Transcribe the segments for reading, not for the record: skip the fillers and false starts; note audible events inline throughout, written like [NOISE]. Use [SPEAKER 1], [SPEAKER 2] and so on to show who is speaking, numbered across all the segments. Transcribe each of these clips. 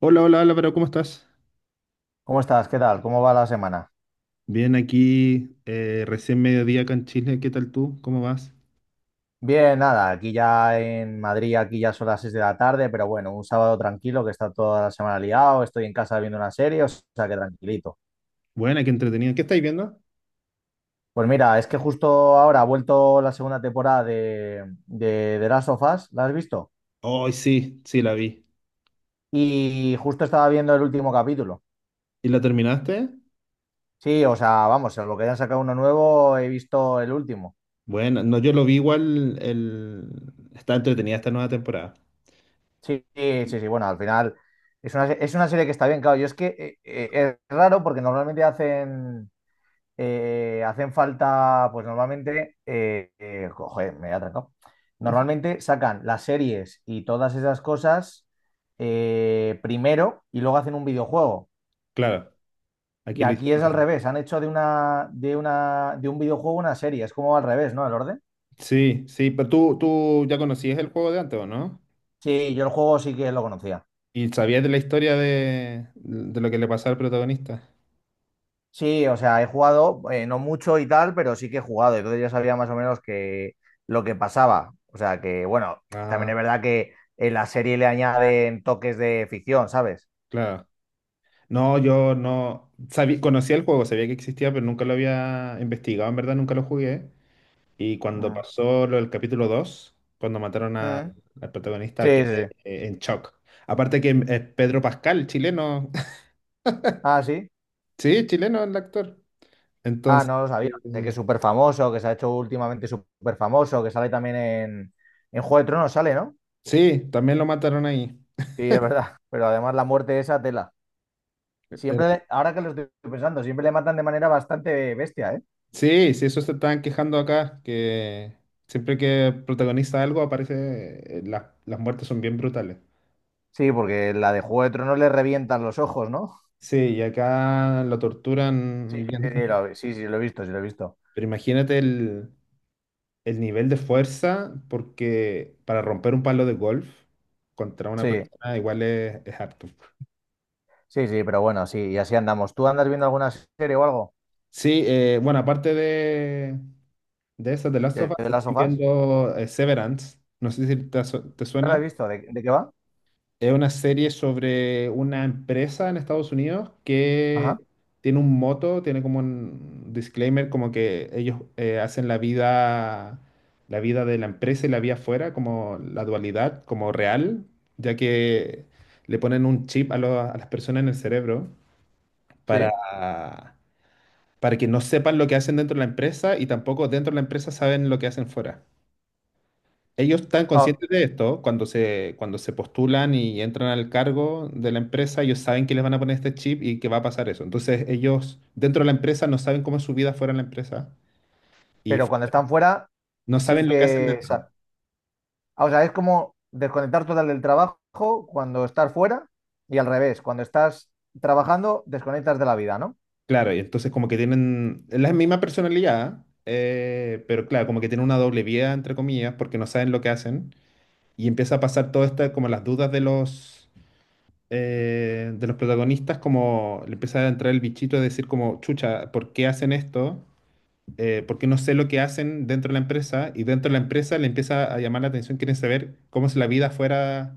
[SPEAKER 1] Hola, hola Álvaro, ¿cómo estás?
[SPEAKER 2] ¿Cómo estás? ¿Qué tal? ¿Cómo va la semana?
[SPEAKER 1] Bien, aquí recién mediodía acá en Chile. ¿Qué tal tú? ¿Cómo vas?
[SPEAKER 2] Bien, nada, aquí ya en Madrid, aquí ya son las 6 de la tarde, pero bueno, un sábado tranquilo que está toda la semana liado, estoy en casa viendo una serie, o sea que tranquilito.
[SPEAKER 1] Buena, qué entretenida. ¿Qué estáis viendo?
[SPEAKER 2] Pues mira, es que justo ahora ha vuelto la segunda temporada de Last of Us, ¿la has visto?
[SPEAKER 1] Hoy sí, sí, la vi.
[SPEAKER 2] Y justo estaba viendo el último capítulo.
[SPEAKER 1] ¿Y la terminaste?
[SPEAKER 2] Sí, o sea, vamos, en lo que hayan sacado uno nuevo, he visto el último.
[SPEAKER 1] Bueno, no, yo lo vi igual. Está entretenida esta nueva temporada.
[SPEAKER 2] Sí, sí, sí, sí, bueno, al final es una, es una serie que está bien, claro. Yo es que es raro porque normalmente hacen hacen falta, pues normalmente, joder, me he atracado. Normalmente sacan las series y todas esas cosas primero y luego hacen un videojuego.
[SPEAKER 1] Claro,
[SPEAKER 2] Y
[SPEAKER 1] aquí lo
[SPEAKER 2] aquí es al
[SPEAKER 1] hicieron.
[SPEAKER 2] revés, han hecho de un videojuego una serie, es como al revés, ¿no? El orden.
[SPEAKER 1] Sí, sí, pero tú ya conocías el juego de antes, ¿o no?
[SPEAKER 2] Sí, yo el juego sí que lo conocía.
[SPEAKER 1] ¿Y sabías de la historia de lo que le pasó al protagonista?
[SPEAKER 2] Sí, o sea, he jugado, no mucho y tal, pero sí que he jugado, entonces ya sabía más o menos que lo que pasaba. O sea, que bueno, también
[SPEAKER 1] Ah,
[SPEAKER 2] es verdad que en la serie le añaden toques de ficción, ¿sabes?
[SPEAKER 1] claro. No, yo no sabía, conocía el juego, sabía que existía, pero nunca lo había investigado, en verdad nunca lo jugué. Y cuando
[SPEAKER 2] Mm.
[SPEAKER 1] pasó lo del capítulo 2, cuando
[SPEAKER 2] Mm.
[SPEAKER 1] al
[SPEAKER 2] Sí,
[SPEAKER 1] protagonista,
[SPEAKER 2] sí,
[SPEAKER 1] quedé
[SPEAKER 2] sí.
[SPEAKER 1] en shock. Aparte que es Pedro Pascal, chileno. [LAUGHS]
[SPEAKER 2] Ah, sí.
[SPEAKER 1] Sí, chileno el actor.
[SPEAKER 2] Ah,
[SPEAKER 1] Entonces,
[SPEAKER 2] no lo sabía. Sé que es
[SPEAKER 1] eh,
[SPEAKER 2] súper famoso, que se ha hecho últimamente súper famoso, que sale también en Juego de Tronos, sale, ¿no?
[SPEAKER 1] sí, también lo mataron ahí.
[SPEAKER 2] Sí, es verdad. [LAUGHS] Pero además la muerte esa tela. Siempre,
[SPEAKER 1] Era-
[SPEAKER 2] ahora que lo estoy pensando, siempre le matan de manera bastante bestia, ¿eh?
[SPEAKER 1] Sí, sí, eso se estaban quejando acá, que siempre que protagoniza algo aparece, las muertes son bien brutales.
[SPEAKER 2] Sí, porque la de Juego de Tronos le revientan los ojos, ¿no?
[SPEAKER 1] Sí, y acá la
[SPEAKER 2] Sí,
[SPEAKER 1] torturan bien.
[SPEAKER 2] sí, sí, lo he visto, sí, lo he visto.
[SPEAKER 1] Pero imagínate el nivel de fuerza, porque para romper un palo de golf contra una
[SPEAKER 2] Sí,
[SPEAKER 1] persona igual es harto.
[SPEAKER 2] sí, sí, pero bueno, sí, y así andamos. ¿Tú andas viendo alguna serie o algo
[SPEAKER 1] Sí, bueno, aparte de eso de Last of Us,
[SPEAKER 2] de las
[SPEAKER 1] estoy
[SPEAKER 2] sofás?
[SPEAKER 1] viendo Severance. No sé si te
[SPEAKER 2] No la he
[SPEAKER 1] suena.
[SPEAKER 2] visto, de qué va?
[SPEAKER 1] Es una serie sobre una empresa en Estados Unidos que
[SPEAKER 2] Ajá,
[SPEAKER 1] tiene un moto, tiene como un disclaimer, como que ellos hacen la vida de la empresa y la vida afuera, como la dualidad, como real, ya que le ponen un chip a las personas en el cerebro para,
[SPEAKER 2] sí.
[SPEAKER 1] para que no sepan lo que hacen dentro de la empresa y tampoco dentro de la empresa saben lo que hacen fuera. Ellos están
[SPEAKER 2] Ah,
[SPEAKER 1] conscientes de esto cuando se postulan y entran al cargo de la empresa, ellos saben que les van a poner este chip y que va a pasar eso. Entonces ellos dentro de la empresa no saben cómo es su vida fuera de la empresa y
[SPEAKER 2] pero
[SPEAKER 1] f-
[SPEAKER 2] cuando están fuera,
[SPEAKER 1] no
[SPEAKER 2] sí
[SPEAKER 1] saben lo que hacen
[SPEAKER 2] que... o
[SPEAKER 1] dentro.
[SPEAKER 2] ah, o sea, es como desconectar total del trabajo cuando estás fuera y al revés, cuando estás trabajando, desconectas de la vida, ¿no?
[SPEAKER 1] Claro, y entonces como que tienen es la misma personalidad, pero claro, como que tienen una doble vida, entre comillas, porque no saben lo que hacen y empieza a pasar todo esto, como las dudas de los protagonistas, como le empieza a entrar el bichito de decir como, chucha, ¿por qué hacen esto? Porque no sé lo que hacen dentro de la empresa y dentro de la empresa le empieza a llamar la atención, quieren saber cómo es la vida fuera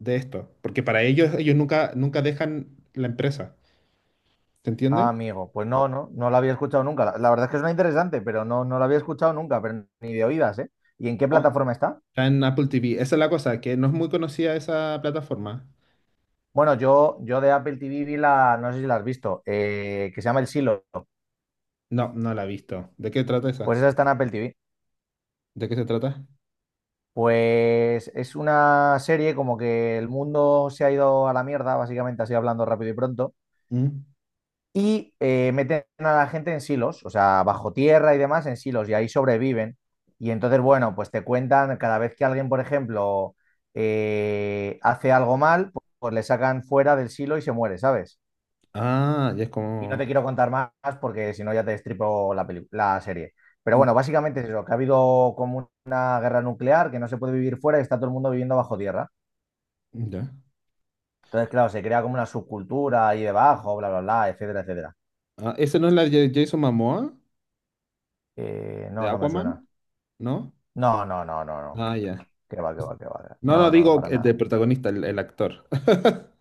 [SPEAKER 1] de esto, porque para ellos nunca, nunca dejan la empresa, ¿se entiende?
[SPEAKER 2] Ah, amigo, pues no, no, no la había escuchado nunca. La verdad es que suena interesante, pero no, no la había escuchado nunca, pero ni de oídas, ¿eh? ¿Y en qué
[SPEAKER 1] No.
[SPEAKER 2] plataforma está?
[SPEAKER 1] Está en Apple TV, esa es la cosa, que no es muy conocida esa plataforma.
[SPEAKER 2] Bueno, yo de Apple TV vi la, no sé si la has visto, que se llama El Silo.
[SPEAKER 1] No, no la he visto. ¿De qué trata
[SPEAKER 2] Pues
[SPEAKER 1] esa?
[SPEAKER 2] esa está en Apple TV.
[SPEAKER 1] ¿De qué se trata?
[SPEAKER 2] Pues es una serie como que el mundo se ha ido a la mierda, básicamente así hablando rápido y pronto.
[SPEAKER 1] ¿Mm?
[SPEAKER 2] Y meten a la gente en silos, o sea, bajo tierra y demás, en silos, y ahí sobreviven. Y entonces, bueno, pues te cuentan cada vez que alguien, por ejemplo, hace algo mal, pues le sacan fuera del silo y se muere, ¿sabes?
[SPEAKER 1] Ah, ya es
[SPEAKER 2] Y no
[SPEAKER 1] como...
[SPEAKER 2] te quiero contar más porque si no ya te destripo la, la serie. Pero
[SPEAKER 1] mm,
[SPEAKER 2] bueno, básicamente es eso, que ha habido como una guerra nuclear, que no se puede vivir fuera y está todo el mundo viviendo bajo tierra.
[SPEAKER 1] ya.
[SPEAKER 2] Entonces, claro, se crea como una subcultura ahí debajo, bla, bla, bla, etcétera, etcétera.
[SPEAKER 1] Ah, ¿esa no es la de Jason Momoa? ¿De
[SPEAKER 2] No, no me suena.
[SPEAKER 1] Aquaman? ¿No?
[SPEAKER 2] No, no, no, no, no.
[SPEAKER 1] Ah, ya.
[SPEAKER 2] Que va, que va, que va.
[SPEAKER 1] No, no,
[SPEAKER 2] No, no, no,
[SPEAKER 1] digo
[SPEAKER 2] para nada.
[SPEAKER 1] de protagonista, el actor.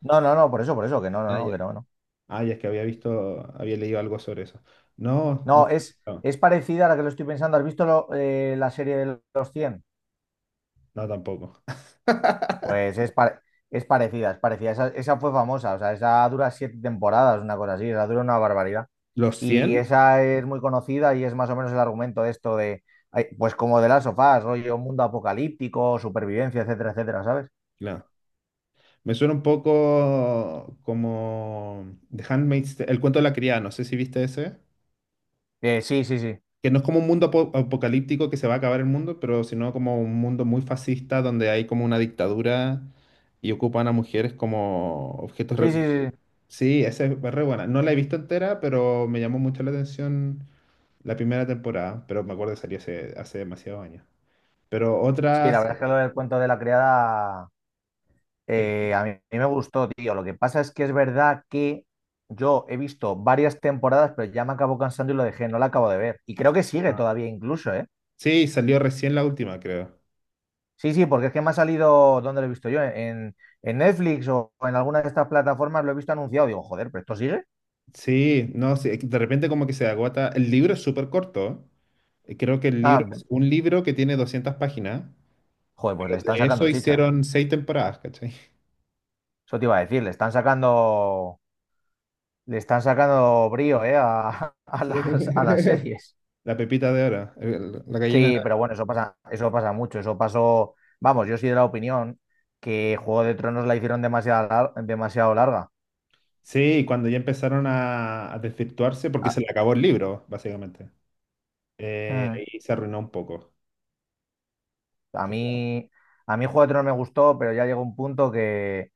[SPEAKER 2] No, no, no, por eso, que no, no,
[SPEAKER 1] Ah,
[SPEAKER 2] no,
[SPEAKER 1] ya.
[SPEAKER 2] que no, no.
[SPEAKER 1] Ah, ya es que había leído algo sobre eso. No, no,
[SPEAKER 2] No,
[SPEAKER 1] no,
[SPEAKER 2] es parecida a la que lo estoy pensando. ¿Has visto la serie de los cien?
[SPEAKER 1] no tampoco.
[SPEAKER 2] Pues es, es parecida, es parecida. Esa fue famosa, o sea, esa dura siete temporadas, una cosa así, esa dura una barbaridad.
[SPEAKER 1] [LAUGHS] ¿Los
[SPEAKER 2] Y
[SPEAKER 1] 100,
[SPEAKER 2] esa es muy conocida y es más o menos el argumento de esto de, ay, pues como de las sofás, rollo mundo apocalíptico, supervivencia, etcétera, etcétera, ¿sabes?
[SPEAKER 1] no. Me suena un poco como El cuento de la criada, no sé si viste ese.
[SPEAKER 2] Sí, sí, sí.
[SPEAKER 1] Que no es como un apocalíptico que se va a acabar el mundo, pero sino como un mundo muy fascista donde hay como una dictadura y ocupan a mujeres como objetos.
[SPEAKER 2] Sí, sí, sí. Sí,
[SPEAKER 1] Sí, esa es re buena. No la he visto entera, pero me llamó mucho la atención la primera temporada, pero me acuerdo que salió hace demasiados años. Pero
[SPEAKER 2] sí, la
[SPEAKER 1] otras...
[SPEAKER 2] verdad es que lo del cuento de la criada,
[SPEAKER 1] eh,
[SPEAKER 2] A mí me gustó, tío. Lo que pasa es que es verdad que yo he visto varias temporadas, pero ya me acabo cansando y lo dejé, no la acabo de ver. Y creo que sigue
[SPEAKER 1] ah,
[SPEAKER 2] todavía incluso, ¿eh?
[SPEAKER 1] sí, salió recién la última, creo.
[SPEAKER 2] Sí, sí, porque es que me ha salido, ¿dónde lo he visto yo? En Netflix o en alguna de estas plataformas lo he visto anunciado. Digo, joder, ¿pero esto sigue?
[SPEAKER 1] Sí, no, sí, de repente como que se agota. El libro es súper corto. Creo que el libro
[SPEAKER 2] Ah,
[SPEAKER 1] es un libro que tiene 200 páginas,
[SPEAKER 2] joder, pues le
[SPEAKER 1] pero
[SPEAKER 2] están
[SPEAKER 1] de
[SPEAKER 2] sacando
[SPEAKER 1] eso
[SPEAKER 2] chicha.
[SPEAKER 1] hicieron seis temporadas, ¿cachai?
[SPEAKER 2] Eso te iba a decir, le están sacando brío, ¿eh? A, [LAUGHS]
[SPEAKER 1] Sí.
[SPEAKER 2] a las
[SPEAKER 1] [LAUGHS]
[SPEAKER 2] series.
[SPEAKER 1] La pepita de oro, la gallina.
[SPEAKER 2] Sí, pero bueno, eso pasa mucho. Eso pasó. Vamos, yo soy de la opinión que Juego de Tronos la hicieron demasiado, demasiado larga.
[SPEAKER 1] Sí, cuando ya empezaron a desvirtuarse, porque
[SPEAKER 2] A,
[SPEAKER 1] se le acabó el libro, básicamente.
[SPEAKER 2] mm,
[SPEAKER 1] Ahí se arruinó un poco.
[SPEAKER 2] a mí, a mí Juego de Tronos me gustó, pero ya llegó un punto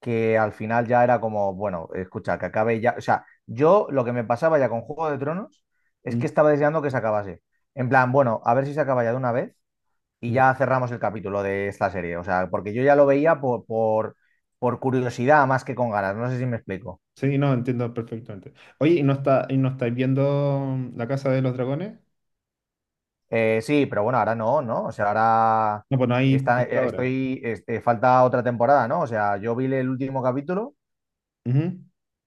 [SPEAKER 2] que al final ya era como, bueno, escucha, que acabe ya. O sea, yo lo que me pasaba ya con Juego de Tronos es
[SPEAKER 1] Mm,
[SPEAKER 2] que estaba deseando que se acabase. En plan, bueno, a ver si se acaba ya de una vez y ya cerramos el capítulo de esta serie. O sea, porque yo ya lo veía por curiosidad más que con ganas. No sé si me explico.
[SPEAKER 1] sí, no, entiendo perfectamente. Oye, ¿y no estáis viendo La Casa de los Dragones?
[SPEAKER 2] Sí, pero bueno, ahora no, ¿no? O sea, ahora
[SPEAKER 1] No, pues no hay
[SPEAKER 2] está,
[SPEAKER 1] por ahora.
[SPEAKER 2] estoy, este, falta otra temporada, ¿no? O sea, yo vi el último capítulo
[SPEAKER 1] Ujú.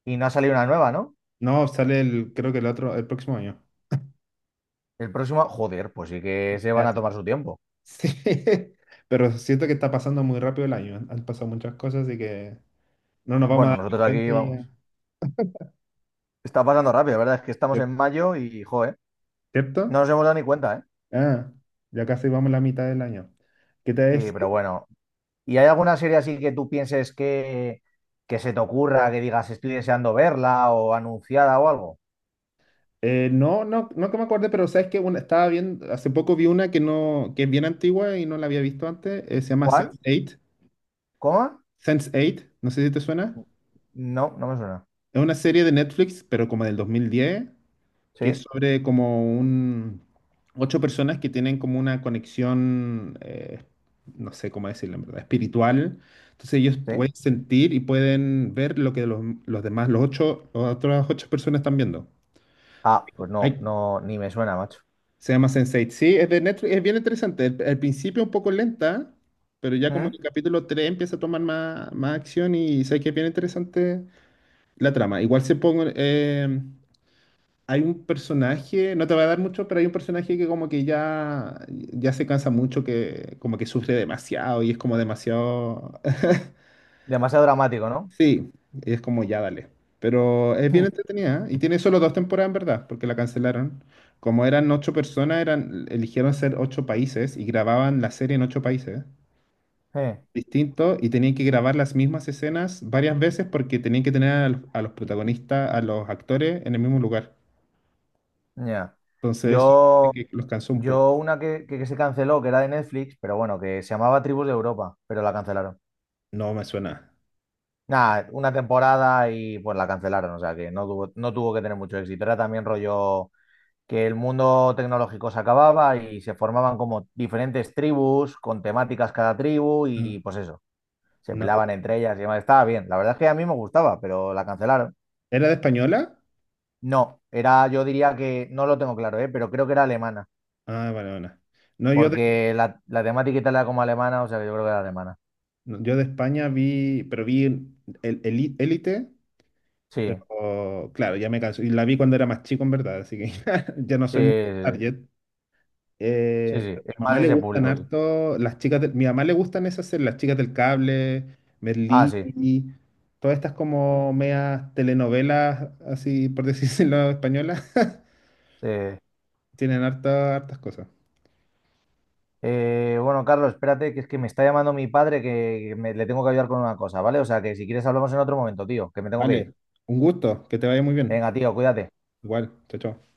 [SPEAKER 2] y no ha salido una nueva, ¿no?
[SPEAKER 1] No, sale el, creo que el otro, el próximo año.
[SPEAKER 2] El próximo, joder, pues sí que se van
[SPEAKER 1] Ya,
[SPEAKER 2] a
[SPEAKER 1] sí.
[SPEAKER 2] tomar su tiempo.
[SPEAKER 1] Sí, [LAUGHS] pero siento que está pasando muy rápido el año. Han pasado muchas cosas y que no nos vamos a
[SPEAKER 2] Bueno,
[SPEAKER 1] dar ni
[SPEAKER 2] nosotros aquí
[SPEAKER 1] cuenta y
[SPEAKER 2] vamos.
[SPEAKER 1] ya.
[SPEAKER 2] Está pasando rápido, la verdad es que estamos
[SPEAKER 1] ¿Cier-
[SPEAKER 2] en mayo y, joder, no
[SPEAKER 1] ¿Cierto?
[SPEAKER 2] nos hemos dado ni cuenta, ¿eh?
[SPEAKER 1] Ah, ya casi vamos a la mitad del año. ¿Qué te
[SPEAKER 2] Sí,
[SPEAKER 1] decía?
[SPEAKER 2] pero bueno. ¿Y hay alguna serie así que tú pienses que se te ocurra, que digas estoy deseando verla o anunciada o algo?
[SPEAKER 1] No, no, no que me acuerde, pero sabes que una, estaba viendo, hace poco vi una que no, que es bien antigua y no la había visto antes, se llama
[SPEAKER 2] ¿Cuál?
[SPEAKER 1] sense eight.
[SPEAKER 2] ¿Cómo?
[SPEAKER 1] Sense Eight, no sé si te suena.
[SPEAKER 2] No, no me suena.
[SPEAKER 1] Es una serie de Netflix, pero como del 2010, que es
[SPEAKER 2] Sí,
[SPEAKER 1] sobre ocho personas que tienen como una conexión, no sé cómo decirlo en verdad, espiritual. Entonces ellos
[SPEAKER 2] sí.
[SPEAKER 1] pueden sentir y pueden ver lo que los demás, los ocho, las otras ocho personas están viendo.
[SPEAKER 2] Ah, pues no,
[SPEAKER 1] Hay-
[SPEAKER 2] no, ni me suena, macho.
[SPEAKER 1] Se llama sense Eight. Sí, es de Netflix, es bien interesante. El al principio un poco lenta, pero ya como en
[SPEAKER 2] ¿Mm?
[SPEAKER 1] el capítulo 3 empieza a tomar más acción y sé que es bien interesante la trama. Igual se pongo. Hay un personaje, no te va a dar mucho, pero hay un personaje que como que ya, ya se cansa mucho, que como que sufre demasiado y es como demasiado. [LAUGHS]
[SPEAKER 2] Demasiado dramático, ¿no?
[SPEAKER 1] Sí, es como ya dale. Pero es bien
[SPEAKER 2] [LAUGHS]
[SPEAKER 1] entretenida ¿eh? Y tiene solo dos temporadas en verdad, porque la cancelaron. Como eran ocho personas, eligieron ser ocho países y grababan la serie en ocho países
[SPEAKER 2] Mm,
[SPEAKER 1] distintos y tenían que grabar las mismas escenas varias veces porque tenían que tener a los protagonistas, a los actores en el mismo lugar.
[SPEAKER 2] ya.
[SPEAKER 1] Entonces, eso
[SPEAKER 2] Yo,
[SPEAKER 1] dice que los cansó un poco.
[SPEAKER 2] yo una que, que se canceló, que era de Netflix, pero bueno, que se llamaba Tribus de Europa, pero la cancelaron.
[SPEAKER 1] No me suena.
[SPEAKER 2] Nada, una temporada y pues la cancelaron, o sea que no tuvo, no tuvo que tener mucho éxito. Era también rollo que el mundo tecnológico se acababa y se formaban como diferentes tribus, con temáticas cada tribu
[SPEAKER 1] No.
[SPEAKER 2] y pues eso, se
[SPEAKER 1] No.
[SPEAKER 2] pelaban entre ellas y demás. Estaba bien, la verdad es que a mí me gustaba, pero la cancelaron.
[SPEAKER 1] ¿Era de española?
[SPEAKER 2] No, era, yo diría que, no lo tengo claro, ¿eh? Pero creo que era alemana,
[SPEAKER 1] Ah, vale, bueno. No, yo de,
[SPEAKER 2] porque la temática era como alemana, o sea que yo creo que era alemana.
[SPEAKER 1] no, yo de España vi, pero vi Élite.
[SPEAKER 2] Sí,
[SPEAKER 1] Claro, ya me canso. Y la vi cuando era más chico, en verdad, así que [LAUGHS] ya no
[SPEAKER 2] sí,
[SPEAKER 1] soy muy target.
[SPEAKER 2] sí, sí, sí,
[SPEAKER 1] Pero a mi
[SPEAKER 2] es
[SPEAKER 1] mamá
[SPEAKER 2] más
[SPEAKER 1] le
[SPEAKER 2] ese
[SPEAKER 1] gustan
[SPEAKER 2] público, sí.
[SPEAKER 1] harto mi mamá le gustan esas series, las chicas del cable,
[SPEAKER 2] Ah,
[SPEAKER 1] Merlí,
[SPEAKER 2] sí,
[SPEAKER 1] todas estas como medias telenovelas, así por decirlo [LAUGHS] españolas,
[SPEAKER 2] sí.
[SPEAKER 1] tienen hartas cosas.
[SPEAKER 2] Bueno, Carlos, espérate, que es que me está llamando mi padre que le tengo que ayudar con una cosa, ¿vale? O sea que si quieres hablamos en otro momento, tío, que me tengo que ir.
[SPEAKER 1] Vale, un gusto, que te vaya muy bien.
[SPEAKER 2] Venga, tío, cuídate.
[SPEAKER 1] Igual, chao, chao.